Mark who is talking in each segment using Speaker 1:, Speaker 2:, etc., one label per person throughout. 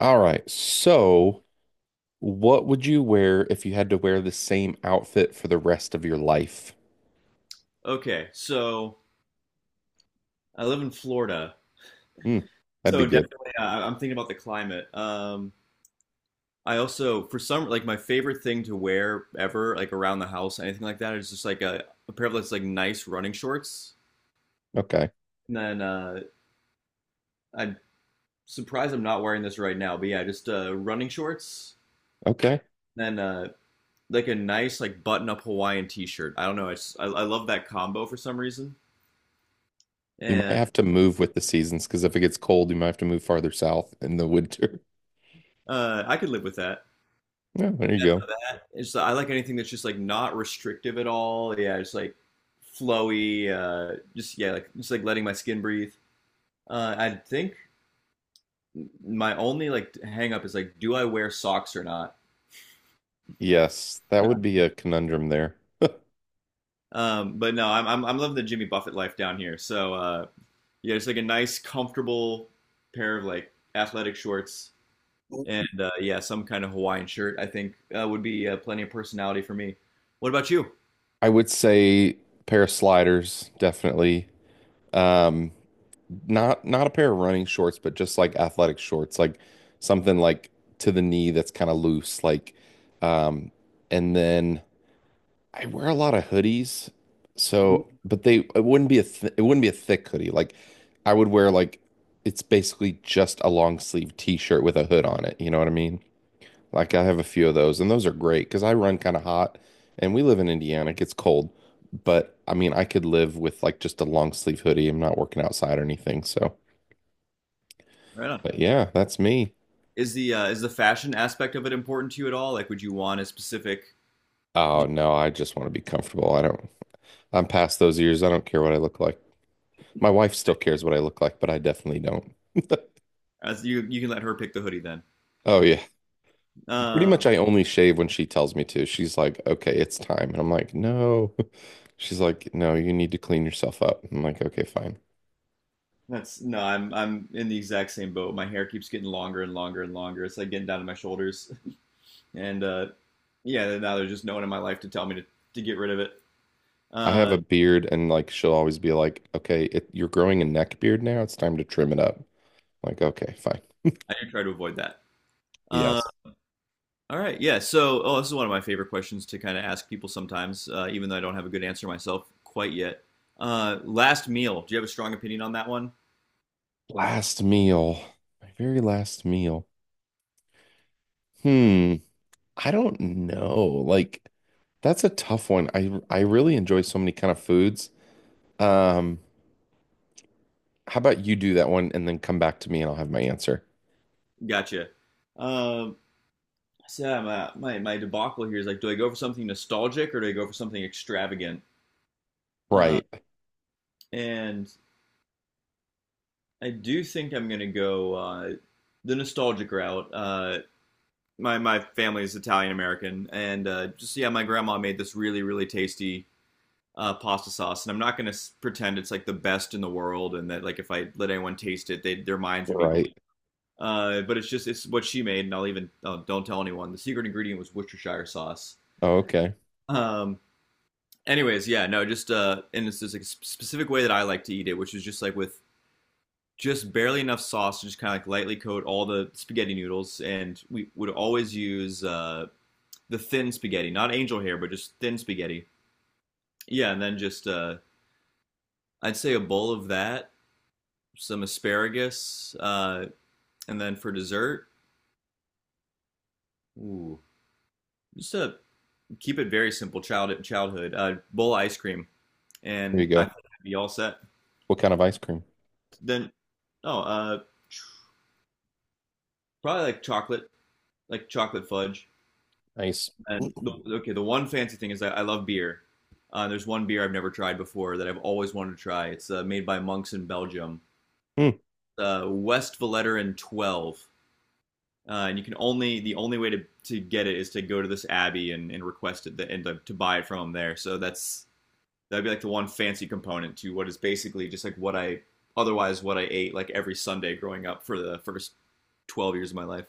Speaker 1: All right. So, what would you wear if you had to wear the same outfit for the rest of your life?
Speaker 2: Okay, so I live in Florida,
Speaker 1: Hmm, that'd
Speaker 2: so
Speaker 1: be good.
Speaker 2: definitely I'm thinking about the climate. I also, for some, like my favorite thing to wear ever, like around the house, anything like that, is just like a pair of those like nice running shorts.
Speaker 1: Okay.
Speaker 2: And then I'm surprised I'm not wearing this right now, but yeah, just running shorts.
Speaker 1: Okay.
Speaker 2: Then like a nice like button-up Hawaiian t-shirt. I don't know, I love that combo for some reason,
Speaker 1: You might
Speaker 2: and
Speaker 1: have to move with the seasons because if it gets cold, you might have to move farther south in the winter.
Speaker 2: I could live with that.
Speaker 1: Yeah, there you go.
Speaker 2: that. It's I like anything that's just like not restrictive at all. Yeah, just like flowy. Just yeah, like just like letting my skin breathe. I think my only like hang up is like, do I wear socks or not?
Speaker 1: Yes, that
Speaker 2: No.
Speaker 1: would be a conundrum there.
Speaker 2: But no, I'm loving the Jimmy Buffett life down here. So yeah, it's like a nice, comfortable pair of like athletic shorts and yeah, some kind of Hawaiian shirt. I think would be plenty of personality for me. What about you?
Speaker 1: I would say pair of sliders, definitely. Um, not a pair of running shorts, but just like athletic shorts, like something like to the knee that's kind of loose, like um and then I wear a lot of hoodies.
Speaker 2: Mhm.
Speaker 1: So, but they it wouldn't be a th it wouldn't be a thick hoodie. Like I would wear like it's basically just a long sleeve t-shirt with a hood on it, you know what I mean? Like I have a few of those and those are great because I run kind of hot and we live in Indiana, it gets cold. But I mean, I could live with like just a long sleeve hoodie. I'm not working outside or anything, so
Speaker 2: Right on.
Speaker 1: but yeah, that's me.
Speaker 2: Is the is the fashion aspect of it important to you at all? Like, would you want a specific?
Speaker 1: Oh no, I just want to be comfortable. I don't, I'm past those years. I don't care what I look like. My wife still cares what I look like, but I definitely don't.
Speaker 2: As you can let her pick the hoodie then.
Speaker 1: Oh yeah. Pretty
Speaker 2: Uh,
Speaker 1: much I only shave when she tells me to. She's like, "Okay, it's time." And I'm like, "No." She's like, "No, you need to clean yourself up." I'm like, "Okay, fine."
Speaker 2: that's no, I'm in the exact same boat. My hair keeps getting longer and longer and longer. It's like getting down to my shoulders, and yeah, now there's just no one in my life to tell me to get rid of it.
Speaker 1: I have
Speaker 2: Uh,
Speaker 1: a beard and like she'll always be like, "Okay, it, you're growing a neck beard now. It's time to trim it up." I'm like, "Okay, fine."
Speaker 2: I do try to avoid that. Uh,
Speaker 1: Yes.
Speaker 2: all right, yeah. So, oh, this is one of my favorite questions to kind of ask people sometimes, even though I don't have a good answer myself quite yet. Last meal. Do you have a strong opinion on that one?
Speaker 1: Last meal. My very last meal. Hmm. I don't know. Like that's a tough one. I really enjoy so many kind of foods. Um, how about you do that one and then come back to me and I'll have my answer.
Speaker 2: Gotcha. Um, so yeah, my debacle here is like, do I go for something nostalgic or do I go for something extravagant? Uh,
Speaker 1: Right.
Speaker 2: and I do think I'm gonna go the nostalgic route. My family is Italian American, and just yeah, my grandma made this really really tasty pasta sauce, and I'm not gonna pretend it's like the best in the world, and that like if I let anyone taste it, they their minds would be blown.
Speaker 1: Right.
Speaker 2: But it's just it's what she made, and I'll even oh, don't tell anyone. The secret ingredient was Worcestershire sauce.
Speaker 1: Oh, okay.
Speaker 2: Um, Anyways, yeah, no, just and it's this like, specific way that I like to eat it, which is just like with just barely enough sauce to just kind of like lightly coat all the spaghetti noodles, and we would always use the thin spaghetti, not angel hair, but just thin spaghetti. Yeah, and then just I'd say a bowl of that, some asparagus, and then for dessert, ooh, just to keep it very simple, childhood, bowl of ice cream,
Speaker 1: There you
Speaker 2: and I
Speaker 1: go.
Speaker 2: think I'd be all set.
Speaker 1: What kind of ice cream?
Speaker 2: Then oh, probably like chocolate fudge.
Speaker 1: Nice.
Speaker 2: And the, okay, the one fancy thing is that I love beer. There's one beer I've never tried before that I've always wanted to try. It's made by monks in Belgium,
Speaker 1: Mm,
Speaker 2: West Vellerin 12. And you can only the only way to get it is to go to this abbey and request it the, and to buy it from them there. So that'd be like the one fancy component to what is basically just like what I otherwise what I ate like every Sunday growing up for the first 12 years of my life.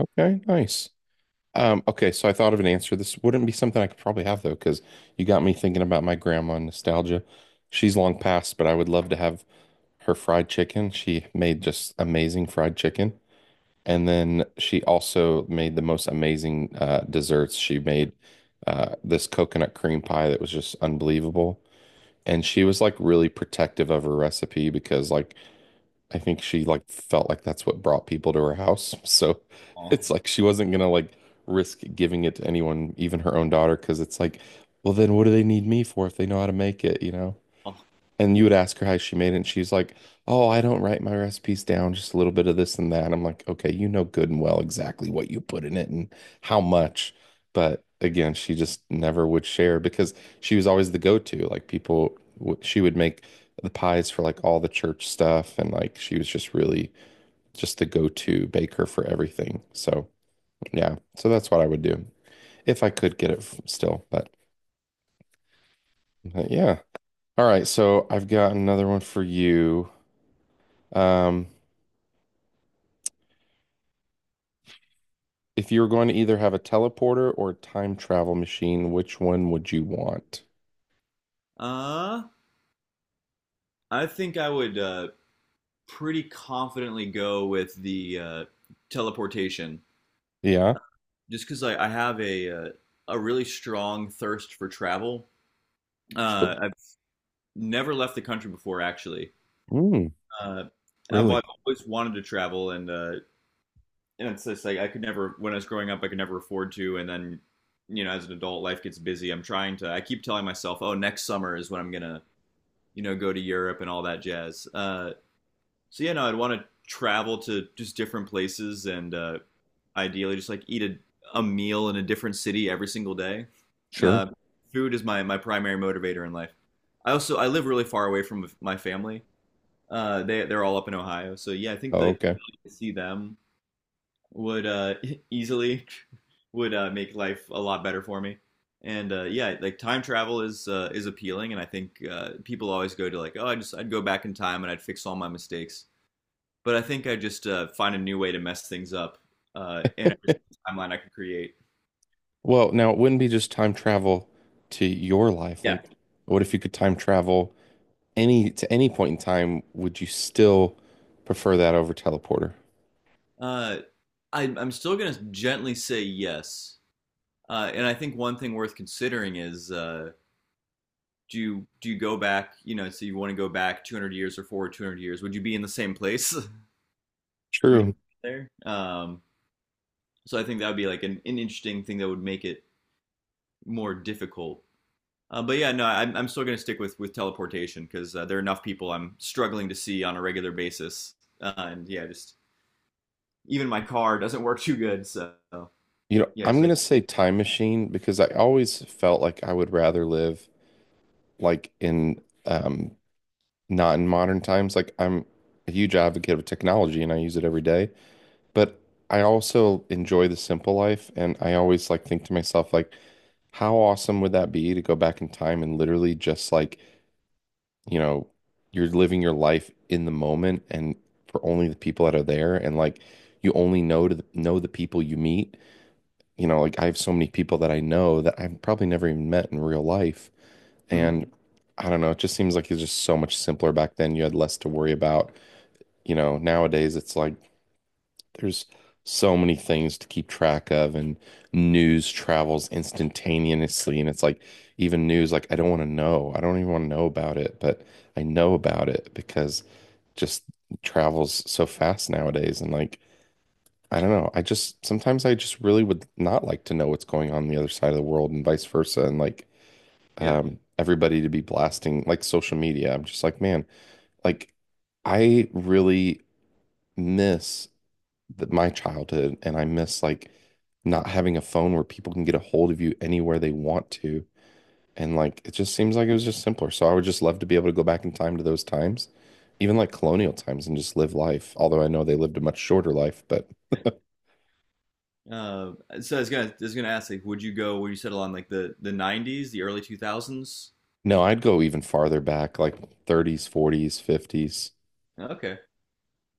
Speaker 1: okay, nice. Okay, so I thought of an answer. This wouldn't be something I could probably have though, because you got me thinking about my grandma and nostalgia. She's long passed, but I would love to have her fried chicken. She made just amazing fried chicken. And then she also made the most amazing desserts. She made this coconut cream pie that was just unbelievable. And she was like really protective of her recipe because like I think she like felt like that's what brought people to her house. So
Speaker 2: Oh.
Speaker 1: it's like she wasn't gonna like risk giving it to anyone, even her own daughter, because it's like, well then what do they need me for if they know how to make it, you know?
Speaker 2: Oh.
Speaker 1: And you would ask her how she made it, and she's like, "Oh, I don't write my recipes down, just a little bit of this and that." I'm like, "Okay, you know good and well exactly what you put in it and how much." But again, she just never would share because she was always the go-to. Like people, she would make the pies for like all the church stuff, and like she was just really just the go-to baker for everything. So yeah, so that's what I would do if I could get it still. But yeah, all right. So I've got another one for you. Um, If you were going to either have a teleporter or a time travel machine, which one would you want?
Speaker 2: Uh, I think I would pretty confidently go with the teleportation,
Speaker 1: Yeah,
Speaker 2: just because I have a really strong thirst for travel.
Speaker 1: sure.
Speaker 2: I've never left the country before, actually.
Speaker 1: Mm,
Speaker 2: Uh, I've,
Speaker 1: really?
Speaker 2: I've always wanted to travel, and it's just like I could never when I was growing up, I could never afford to, and then you know, as an adult, life gets busy. I'm trying to. I keep telling myself, oh, next summer is when I'm gonna you know go to Europe and all that jazz. So yeah, no, I'd want to travel to just different places and ideally just like eat a meal in a different city every single day.
Speaker 1: Sure.
Speaker 2: Uh, Food is my primary motivator in life. I also I live really far away from my family. They're all up in Ohio, so yeah, I think
Speaker 1: Oh,
Speaker 2: the
Speaker 1: okay.
Speaker 2: to see them would easily would make life a lot better for me. And yeah, like time travel is appealing, and I think people always go to like, oh, I'd go back in time and I'd fix all my mistakes. But I think I just find a new way to mess things up in every timeline I can create.
Speaker 1: Well, now it wouldn't be just time travel to your life.
Speaker 2: Yeah.
Speaker 1: Like, what if you could time travel any to any point in time? Would you still prefer that over teleporter?
Speaker 2: Uh, I'm still going to gently say yes. And I think one thing worth considering is do you go back? You know, so you want to go back 200 years or forward 200 years? Would you be in the same place when you were
Speaker 1: True.
Speaker 2: there? So I think that would be like an interesting thing that would make it more difficult. But yeah, no, I'm still gonna stick with teleportation because there are enough people I'm struggling to see on a regular basis, and yeah, just even my car doesn't work too good, so
Speaker 1: You know,
Speaker 2: yeah,
Speaker 1: I'm
Speaker 2: it's like
Speaker 1: gonna say time machine because I always felt like I would rather live like in um not in modern times. Like I'm a huge advocate of technology and I use it every day, but I also enjoy the simple life and I always like think to myself like how awesome would that be to go back in time and literally just like, you know, you're living your life in the moment and for only the people that are there and like you only know know the people you meet. You know, like I have so many people that I know that I've probably never even met in real life
Speaker 2: Mhm,
Speaker 1: and I don't know, it just seems like it's just so much simpler back then. You had less to worry about you know, nowadays it's like there's so many things to keep track of and news travels instantaneously and it's like even news like I don't want to know. I don't even want to know about it, but I know about it because just travels so fast nowadays and like I don't know. I just sometimes I just really would not like to know what's going on the other side of the world and vice versa and like
Speaker 2: yeah.
Speaker 1: everybody to be blasting like social media. I'm just like, man, like I really miss my childhood, and I miss like not having a phone where people can get a hold of you anywhere they want to. And like it just seems like it was just simpler. So I would just love to be able to go back in time to those times, even like colonial times, and just live life. Although I know they lived a much shorter life, but
Speaker 2: Uh, so I was gonna ask like, would you go? Would you settle on like the '90s, the early 2000s?
Speaker 1: no, I'd go even farther back, like 30s, 40s, 50s.
Speaker 2: Okay,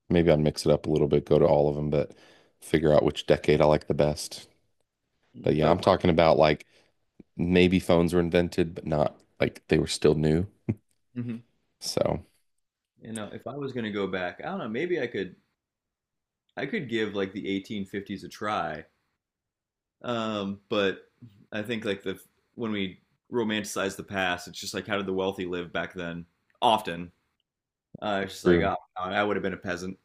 Speaker 1: Maybe I'd mix it up a little bit, go to all of them, but figure out which decade I like the best. But
Speaker 2: if I
Speaker 1: yeah, I'm
Speaker 2: was,
Speaker 1: talking about like maybe phones were invented, but not like they were still new.
Speaker 2: mhm.
Speaker 1: So.
Speaker 2: You know, if I was gonna go back, I don't know, maybe I could give like the 1850s a try. But I think like the when we romanticize the past, it's just like how did the wealthy live back then? Often, it's just like
Speaker 1: True.
Speaker 2: oh, I would have been a peasant.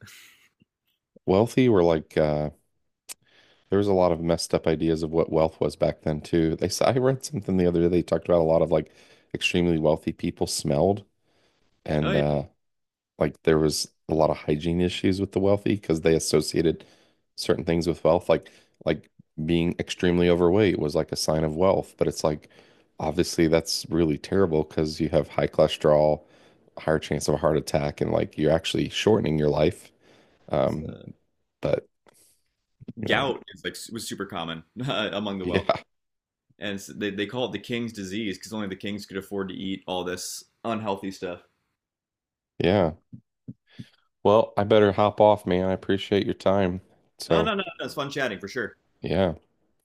Speaker 1: Wealthy were like there was a lot of messed up ideas of what wealth was back then too. I read something the other day they talked about a lot of like extremely wealthy people smelled
Speaker 2: Oh
Speaker 1: and
Speaker 2: yeah,
Speaker 1: like there was a lot of hygiene issues with the wealthy because they associated certain things with wealth, like being extremely overweight was like a sign of wealth, but it's like obviously that's really terrible because you have high cholesterol, higher chance of a heart attack, and like you're actually shortening your life.
Speaker 2: it's,
Speaker 1: Um,
Speaker 2: uh,
Speaker 1: but you know,
Speaker 2: gout is like was super common among the
Speaker 1: yeah,
Speaker 2: wealthy, and it's, they call it the king's disease because only the kings could afford to eat all this unhealthy stuff.
Speaker 1: yeah. Well, I better hop off, man. I appreciate your time.
Speaker 2: No,
Speaker 1: So,
Speaker 2: no, no, no, it's fun chatting for sure.
Speaker 1: yeah.